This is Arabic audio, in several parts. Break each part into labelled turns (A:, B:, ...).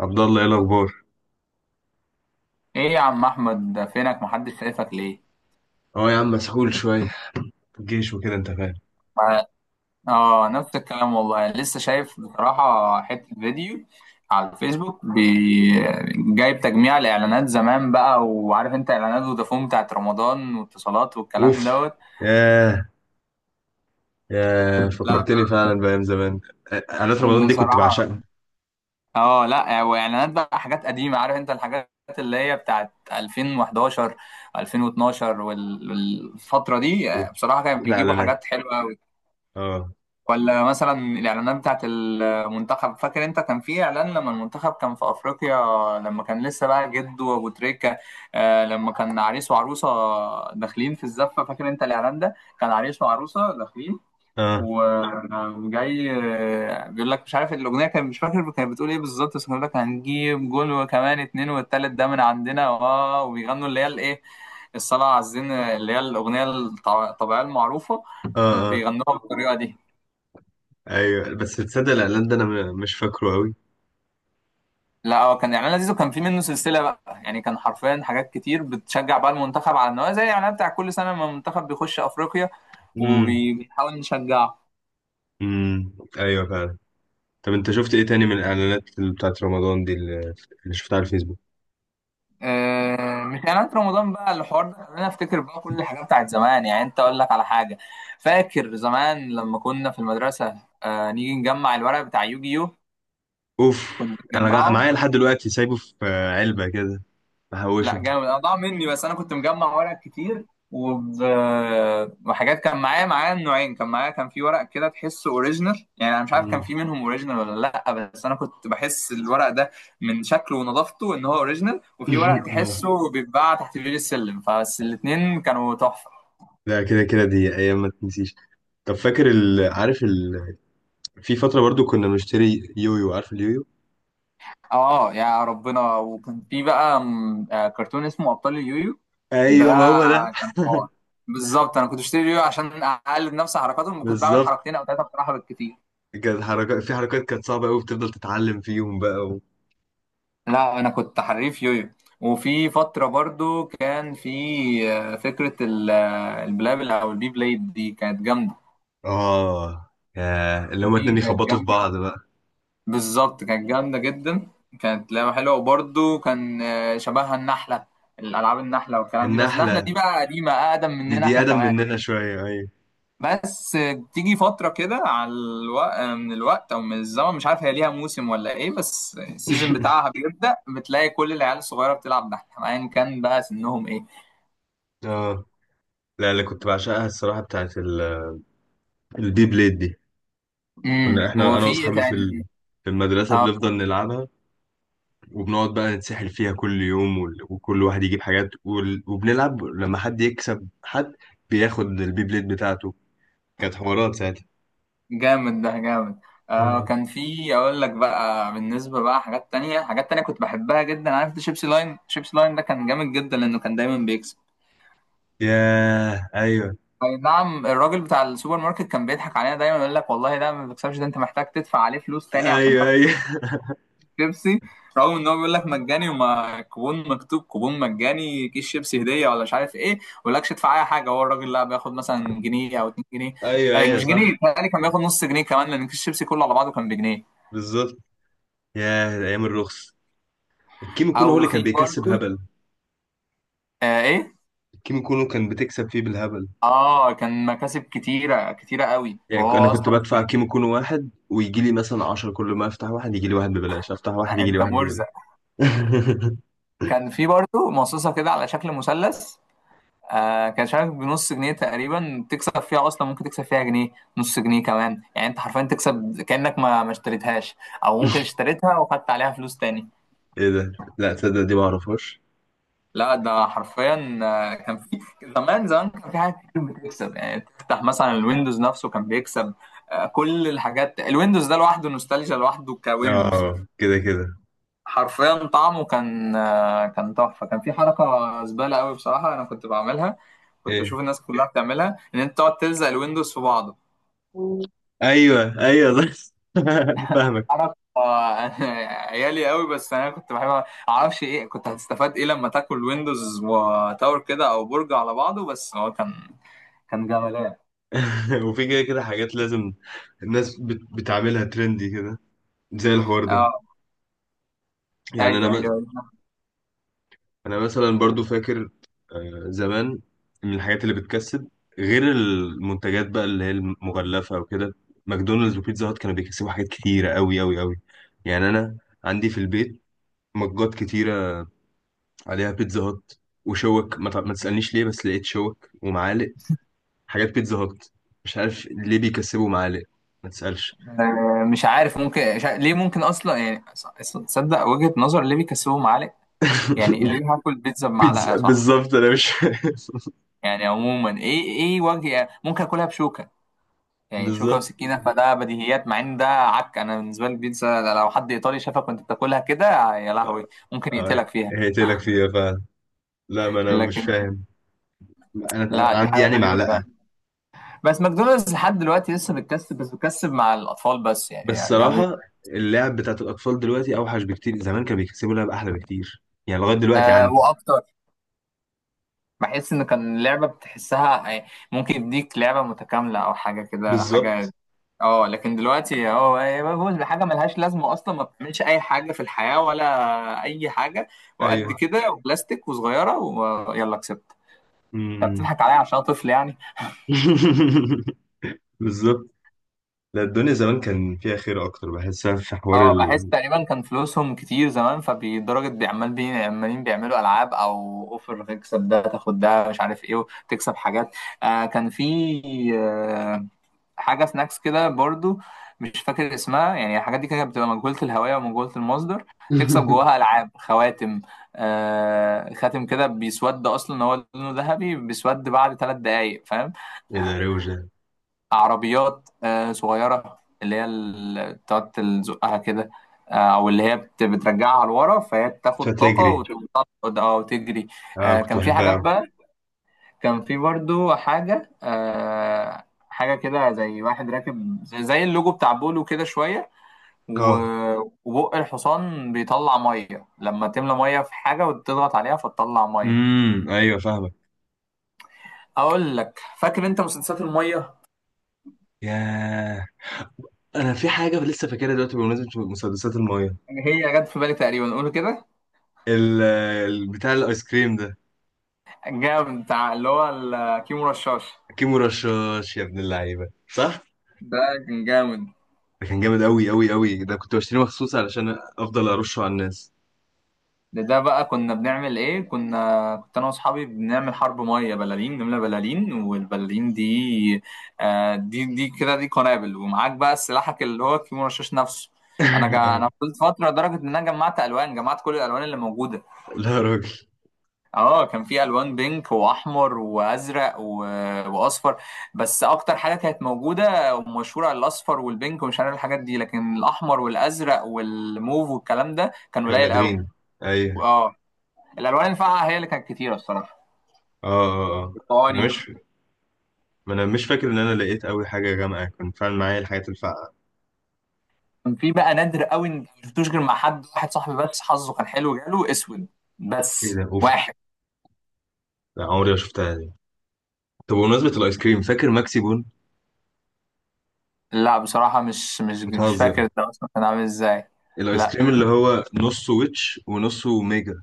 A: عبد الله، ايه الاخبار؟
B: ايه يا عم احمد، ده فينك؟ محدش شايفك ليه؟
A: اه يا عم، مسحول شويه في الجيش وكده، انت فاهم.
B: ما- اه، نفس الكلام والله. لسه شايف بصراحة حتة فيديو على الفيسبوك جايب تجميع الاعلانات زمان بقى، وعارف انت اعلانات فودافون بتاعت رمضان واتصالات
A: اوف.
B: والكلام دوت.
A: ياه ياه،
B: لا
A: فكرتني فعلا بايام زمان. اعلانات رمضان دي كنت
B: بصراحة
A: بعشقها.
B: اه، لا واعلانات بقى حاجات قديمة، عارف انت الحاجات اللي هي بتاعت 2011 2012 والفترة دي
A: اوف،
B: بصراحة كانوا
A: احلى
B: بيجيبوا
A: اعلانات.
B: حاجات حلوة.
A: اه.
B: ولا مثلا الاعلانات بتاعت المنتخب، فاكر انت كان في اعلان لما المنتخب كان في افريقيا؟ لما كان لسه بقى جده وابو تريكه لما كان عريس وعروسه داخلين في الزفه، فاكر انت الاعلان ده؟ كان عريس وعروسه داخلين
A: اه
B: و- وجاي بيقول لك، مش عارف الاغنيه كان مش فاكر كانت بتقول ايه بالظبط، بس كان بيقول لك هنجيب جول وكمان اتنين والتالت ده من عندنا، اه وبيغنوا اللي هي الايه، الصلاه على الزين، اللي هي الاغنيه الطبيعيه المعروفه،
A: اه اه.
B: بيغنوها بالطريقه دي.
A: ايوه، بس تصدق الاعلان ده انا مش فاكره قوي.
B: لا هو كان اعلان لذيذ، وكان في منه سلسله بقى، يعني كان حرفيا حاجات كتير بتشجع بقى المنتخب، على ان هو زي الاعلان بتاع كل سنه لما المنتخب بيخش افريقيا
A: امم
B: وبنحاول نشجعه.
A: امم ايوه فعلا. طب انت شفت ايه تاني من الاعلانات اللي بتاعت رمضان دي، اللي شفتها على الفيسبوك؟
B: مش اعلانات رمضان بقى، الحوار ده خلاني افتكر بقى كل الحاجات بتاعت زمان. يعني انت اقول لك على حاجه، فاكر زمان لما كنا في المدرسه نيجي نجمع الورق بتاع يوجيو؟
A: اوف.
B: كنا
A: انا
B: بنجمعه.
A: معايا لحد دلوقتي سايبه في علبه كده،
B: لا
A: بحوشه.
B: جامد. انا ضاع مني، بس انا كنت مجمع ورق كتير وب... وحاجات، كان معايا النوعين، كان معايا، كان في ورق كده تحسه اوريجينال. يعني انا مش عارف كان
A: مم.
B: في منهم اوريجينال ولا لا، بس انا كنت بحس الورق ده من شكله ونظافته ان هو اوريجينال، وفي ورق تحسه بيتباع تحت بير السلم، فبس الاتنين كانوا تحفة.
A: لا، كده كده دي ايام ما تنسيش. طب فاكر عارف في فتره برضو كنا بنشتري يويو، عارف اليويو؟
B: اه يا ربنا، وكان في بقى كرتون اسمه ابطال اليويو، ده
A: ايوه ما هو ده.
B: كان حوار. بالظبط انا كنت بشتري يويو عشان اقلد نفس حركاتهم، كنت بعمل
A: بالظبط،
B: حركتين او ثلاثة بصراحة بالكتير.
A: كانت حركات في حركات كانت صعبه قوي، بتفضل تتعلم فيهم بقى
B: لا انا كنت حريف يويو. وفي فتره برضو كان في فكره البلابل او البي بليد، دي كانت جامده.
A: اه، يا اللي هما
B: دي
A: اتنين
B: كانت
A: يخبطوا في
B: جامده
A: بعض بقى.
B: بالظبط، كانت جامده جدا، كانت لعبه حلوه. وبرضو كان شبهها النحله، الالعاب النحله والكلام دي، بس النحله
A: النحله
B: دي بقى قديمه، اقدم
A: دي
B: مننا
A: دي
B: احنا
A: ادم
B: كمان.
A: مننا شويه، ايوه.
B: بس تيجي فتره كده على الوقت، من الوقت او من الزمن مش عارف هي ليها موسم ولا ايه، بس السيزون بتاعها بيبدا بتلاقي كل العيال الصغيره بتلعب نحله، ايا كان بقى سنهم ايه.
A: اه. لا، اللي كنت بعشقها الصراحه بتاعت البي بليد دي. كنا احنا انا
B: وفي إيه
A: واصحابي في
B: تاني؟
A: في المدرسه
B: اه
A: بنفضل نلعبها، وبنقعد بقى نتسحل فيها كل يوم وكل واحد يجيب حاجات وبنلعب لما حد يكسب حد، بياخد البي بليد بتاعته. كانت حوارات ساعتها.
B: جامد، ده جامد.
A: آه.
B: كان في، اقول لك بقى بالنسبه بقى، حاجات تانية حاجات تانية كنت بحبها جدا. عارف ده شيبسي لاين؟ شيبسي لاين ده كان جامد جدا، لانه كان دايما بيكسب.
A: ياه. ايوه
B: اي نعم، الراجل بتاع السوبر ماركت كان بيضحك علينا دايما، يقول لك والله ده ما بيكسبش، ده انت محتاج تدفع عليه فلوس تاني عشان
A: ايوه
B: تاخد
A: ايوه.
B: شيبسي، رغم ان هو بيقول لك مجاني وما كوبون مكتوب كوبون مجاني، كيس شيبسي هديه ولا مش عارف ايه، ما يقولكش ادفع اي حاجه، هو الراجل لا بياخد مثلا جنيه او 2 جنيه.
A: ايوه ايوه،
B: مش جنيه،
A: صح.
B: بيتهيألي كان بياخد نص جنيه كمان، لان كيس شيبسي كله على بعضه كان بجنيه.
A: بالظبط. ياه، ايام الرخص. الكيمو كونو هو
B: او
A: اللي
B: في
A: كان بيكسب
B: برضه
A: هبل.
B: ايه
A: الكيمو كونو كان بتكسب فيه بالهبل.
B: اه كان مكاسب كتيره، كتيره قوي،
A: يعني انا
B: وهو
A: كنت
B: اصلا
A: بدفع كيمو كونو واحد ويجي لي مثلا 10، كل ما افتح واحد يجي لي واحد ببلاش، افتح واحد يجي لي
B: انت
A: واحد ببلاش.
B: مرزق. كان في برضه مصاصه كده على شكل مثلث، كان مش عارف بنص جنيه تقريبا تكسب فيها، اصلا ممكن تكسب فيها جنيه، نص جنيه كمان، يعني انت حرفيا تكسب كأنك ما اشتريتهاش، او ممكن اشتريتها وخدت عليها فلوس تاني.
A: ايه ده. لا تصدق دي ما اعرفهاش.
B: لا ده حرفيا كان في زمان زمان كان في حاجات كتير بتكسب، يعني تفتح مثلا الويندوز نفسه كان بيكسب. كل الحاجات، الويندوز ده لوحده نوستالجيا لوحده، كويندوز
A: اه كده كده.
B: حرفيا طعمه كان كان تحفه. كان في حركه زباله قوي بصراحه انا كنت بعملها، كنت
A: ايه
B: بشوف الناس كلها بتعملها، ان انت تقعد تلزق الويندوز في بعض.
A: ايوه ايوه بس، فاهمك.
B: عرف عيالي قوي بس، انا كنت بحب اعرفش ايه كنت هتستفاد ايه لما تاكل ويندوز وتاور كده او برج على بعضه، بس هو كان جمالان.
A: وفي كده كده حاجات لازم الناس بتعملها ترندي كده، زي الحوار ده.
B: اه،
A: يعني انا
B: ايوه،
A: م...
B: ايوه،
A: انا مثلا برضو فاكر زمان، من الحاجات اللي بتكسب غير المنتجات بقى اللي هي المغلفة وكده، ماكدونالدز وبيتزا هات كانوا بيكسبوا حاجات كتيرة قوي قوي قوي. يعني انا عندي في البيت مجات كتيرة عليها بيتزا هات وشوك، ما تسألنيش ليه، بس لقيت شوك ومعالق، حاجات بيتزا هات. مش عارف ليه بيكسبوا معالق، ما تسألش.
B: أيوه. مش عارف، ممكن ليه؟ ممكن اصلا، يعني تصدق وجهة نظر ليه بيكسبوا معلقه؟ يعني ليه؟ هاكل بيتزا بمعلقه؟
A: بيتزا،
B: صح،
A: بالظبط انا مش فاهم.
B: يعني عموما ايه وجه ممكن اكلها بشوكه؟ يعني شوكه
A: بالظبط.
B: وسكينه، فده بديهيات، مع ان ده عك. انا بالنسبه لي البيتزا لو حد ايطالي شافك وانت بتاكلها كده، يا لهوي ممكن
A: اه،
B: يقتلك فيها.
A: هقتلك فيها فعلا. لا، ما انا مش
B: لكن
A: فاهم. انا
B: لا، دي
A: عندي
B: حاجه
A: يعني
B: غريبه فعلا.
A: معلقه.
B: بس ماكدونالدز لحد دلوقتي لسه بتكسب، بس بتكسب مع الاطفال بس،
A: بس
B: يعني الهابي.
A: صراحه، اللعب بتاعت الاطفال دلوقتي اوحش بكتير. زمان كانوا بيكسبوا لعب احلى بكتير، يعني لغايه دلوقتي عندي.
B: واكتر، بحس ان كان اللعبه بتحسها يعني، ممكن يديك لعبه متكامله او حاجه كده، حاجه.
A: بالظبط.
B: اه لكن دلوقتي هو بفوز بحاجه ملهاش لازمه اصلا، ما بتعملش اي حاجه في الحياه، ولا اي حاجه، وقد
A: ايوه.
B: كده، وبلاستيك، وصغيره، ويلا كسبت. انت
A: امم.
B: بتضحك عليا عشان أنا طفل يعني.
A: بالظبط. لا، الدنيا زمان كان فيها خير اكتر، بحسها في حوار
B: اه بحس تقريبا كان فلوسهم كتير زمان، فبالدرجة بيعمال عمالين بيعملوا ألعاب، أو أوفر تكسب ده تاخد ده مش عارف إيه، وتكسب حاجات. كان في آه حاجة سناكس كده برضو، مش فاكر اسمها، يعني الحاجات دي كانت بتبقى مجهولة الهوية ومجهولة المصدر. تكسب جواها ألعاب، خواتم خاتم كده بيسود، أصلا هو لونه ذهبي بيسود بعد ثلاث دقايق، فاهم؟
A: ايه ده، روشه.
B: عربيات صغيرة اللي هي بتقعد تزقها كده، أو اللي هي بترجعها لورا فهي بتاخد طاقة
A: فتجري.
B: وتقعد أو تجري.
A: اه كنت
B: كان في
A: بحبها
B: حاجات
A: أوي.
B: بقى، كان في برضو حاجة حاجة كده زي واحد راكب، زي اللوجو بتاع بولو كده شوية،
A: اه.
B: وبق الحصان بيطلع مية لما تملى مية في حاجة وتضغط عليها فتطلع مية.
A: ايوه، فاهمك.
B: أقول لك، فاكر أنت مسدسات المية؟
A: ياه، انا في حاجه لسه فاكرها دلوقتي بمناسبه مسدسات المايه،
B: هي جت في بالي تقريبا، قول كده.
A: بتاع الايس كريم ده.
B: جامد، بتاع اللي هو الكيمو رشاش،
A: كيمو رشاش يا ابن اللعيبه، صح.
B: ده كان جامد.
A: ده كان جامد قوي قوي قوي، ده كنت بشتريه مخصوص علشان افضل ارشه على الناس.
B: ده بقى كنا بنعمل ايه، كنت انا واصحابي بنعمل حرب ميه، بلالين، نملى بلالين، والبلالين دي دي كده، دي قنابل، ومعاك بقى سلاحك اللي هو الكيمو رشاش نفسه.
A: آه.
B: انا فضلت فتره لدرجه ان انا جمعت الوان، جمعت كل الالوان اللي موجوده.
A: لا يا راجل.
B: اه كان في الوان، بينك واحمر وازرق واصفر، بس اكتر حاجه كانت موجوده ومشهوره على الاصفر والبينك ومش عارف الحاجات دي، لكن الاحمر والازرق والموف والكلام ده كان
A: كنا
B: قليل قوي.
A: نادرين، ايوه.
B: اه الالوان الفاقعه هي اللي كانت كتيره الصراحه،
A: اه اه اه. انا
B: الطواني.
A: مش ما انا مش فاكر ان انا لقيت قوي حاجه جامعه، كان فعلا معايا الحاجات الفقع.
B: كان في بقى نادر قوي، ان ما شفتوش غير مع حد واحد، صاحبي بس حظه كان حلو جاله اسود،
A: ايه
B: بس
A: ده، اوف.
B: واحد.
A: لا عمري ما شفتها دي. طب بمناسبه الايس كريم، فاكر ماكسي بون؟
B: لا بصراحه، مش
A: بتهزر.
B: فاكر ده اصلا كان عامل ازاي.
A: الايس كريم
B: لا
A: اللي هو نصه ويتش ونصه ميجا،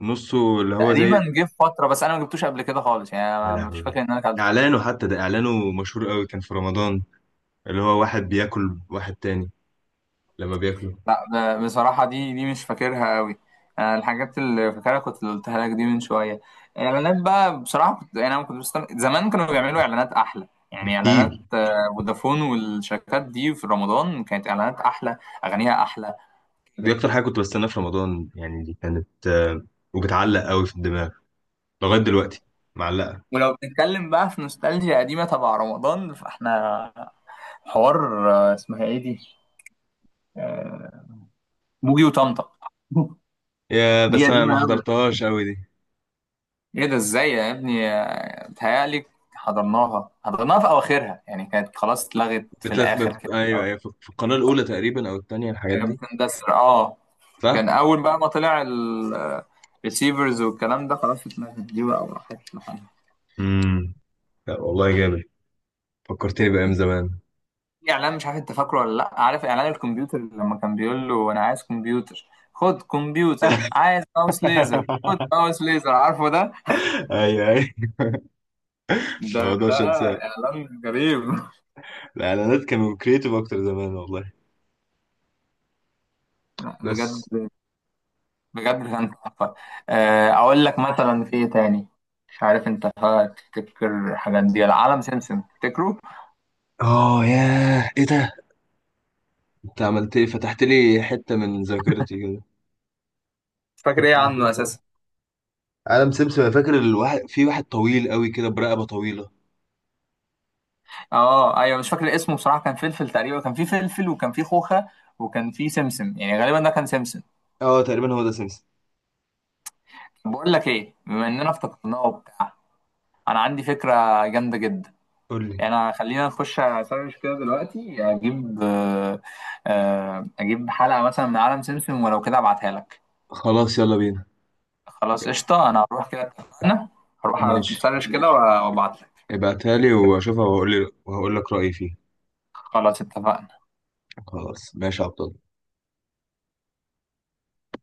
A: نصه اللي هو زي.
B: تقريبا جه في فتره، بس انا ما جبتوش قبل كده خالص، يعني
A: يا
B: أنا مش
A: لهوي،
B: فاكر ان انا كان.
A: اعلانه حتى، ده اعلانه مشهور قوي كان في رمضان، اللي هو واحد بياكل واحد تاني لما بياكله.
B: لا بصراحة دي مش فاكرها قوي. أنا الحاجات اللي فاكرها كنت اللي قلتها لك دي من شوية. الإعلانات بقى بصراحة كنت يعني، أنا كنت زمان كانوا بيعملوا إعلانات أحلى، يعني إعلانات
A: بكتير.
B: فودافون والشركات دي في رمضان كانت إعلانات أحلى، أغانيها أحلى
A: دي
B: كده.
A: اكتر حاجه كنت بستناها في رمضان، يعني دي كانت وبتعلق قوي في الدماغ لغايه دلوقتي، معلقه.
B: ولو بنتكلم بقى في نوستالجيا قديمة تبع رمضان، فإحنا حوار اسمها إيه دي؟ آه، بوجي وطمطم.
A: يا،
B: دي
A: بس انا ما
B: قديمة.
A: حضرتهاش قوي دي.
B: ايه ده؟ ازاي يا ابني؟ بتهيألي حضرناها في اواخرها، يعني كانت خلاص اتلغت في الاخر كده،
A: ايوه ايوه، في القناه الاولى تقريبا او الثانيه، الحاجات
B: كانت
A: دي.
B: بتندثر اه.
A: صح.
B: كان اول بقى ما طلع الريسيفرز والكلام ده، خلاص اتلغت دي بقى وراحت لحالها.
A: امم. لا والله، جامد، فكرتني بايام زمان.
B: في اعلان مش عارف انت فاكره ولا لا، عارف اعلان الكمبيوتر لما كان بيقول له انا عايز كمبيوتر، خد كمبيوتر، عايز ماوس ليزر، خد ماوس ليزر، عارفه ده
A: ايوه ايوه.
B: ده ده
A: 11 ساعة.
B: اعلان غريب.
A: الإعلانات كانوا كريتيف أكتر زمان والله.
B: لا
A: بس.
B: بجد، بجد كان تحفة. أقول لك مثلا في إيه تاني. مش عارف أنت تفتكر الحاجات دي، العالم سمسم تفتكره؟
A: آه، ياه، إيه ده؟ أنت عملت إيه؟ فتحت لي حتة من ذاكرتي كده.
B: مش فاكر إيه عنه أساسا.
A: عالم سمسم، أنا فاكر الواحد في واحد طويل قوي كده برقبة طويلة.
B: أه، أيوه، مش فاكر اسمه بصراحة. كان فلفل تقريبا، كان في فلفل وكان في خوخة وكان في سمسم، يعني غالبا ده كان سمسم.
A: آه، تقريبا هو ده سمسم.
B: بقول لك إيه، بما إننا افتكرناه وبتاع، أنا عندي فكرة جامدة جدا.
A: قول لي.
B: يعني خلينا نخش أسرش كده دلوقتي، أجيب أجيب حلقة مثلا من عالم سمسم، ولو كده أبعتها لك.
A: خلاص يلا بينا.
B: خلاص، قشطة، أنا هروح كده، اتفقنا، هروح
A: ماشي،
B: أسرش كده وأبعت لك.
A: ابعتها لي وأشوفها وهقول لك رأيي فيها.
B: خلاص اتفقنا.
A: خلاص ماشي يا عبد.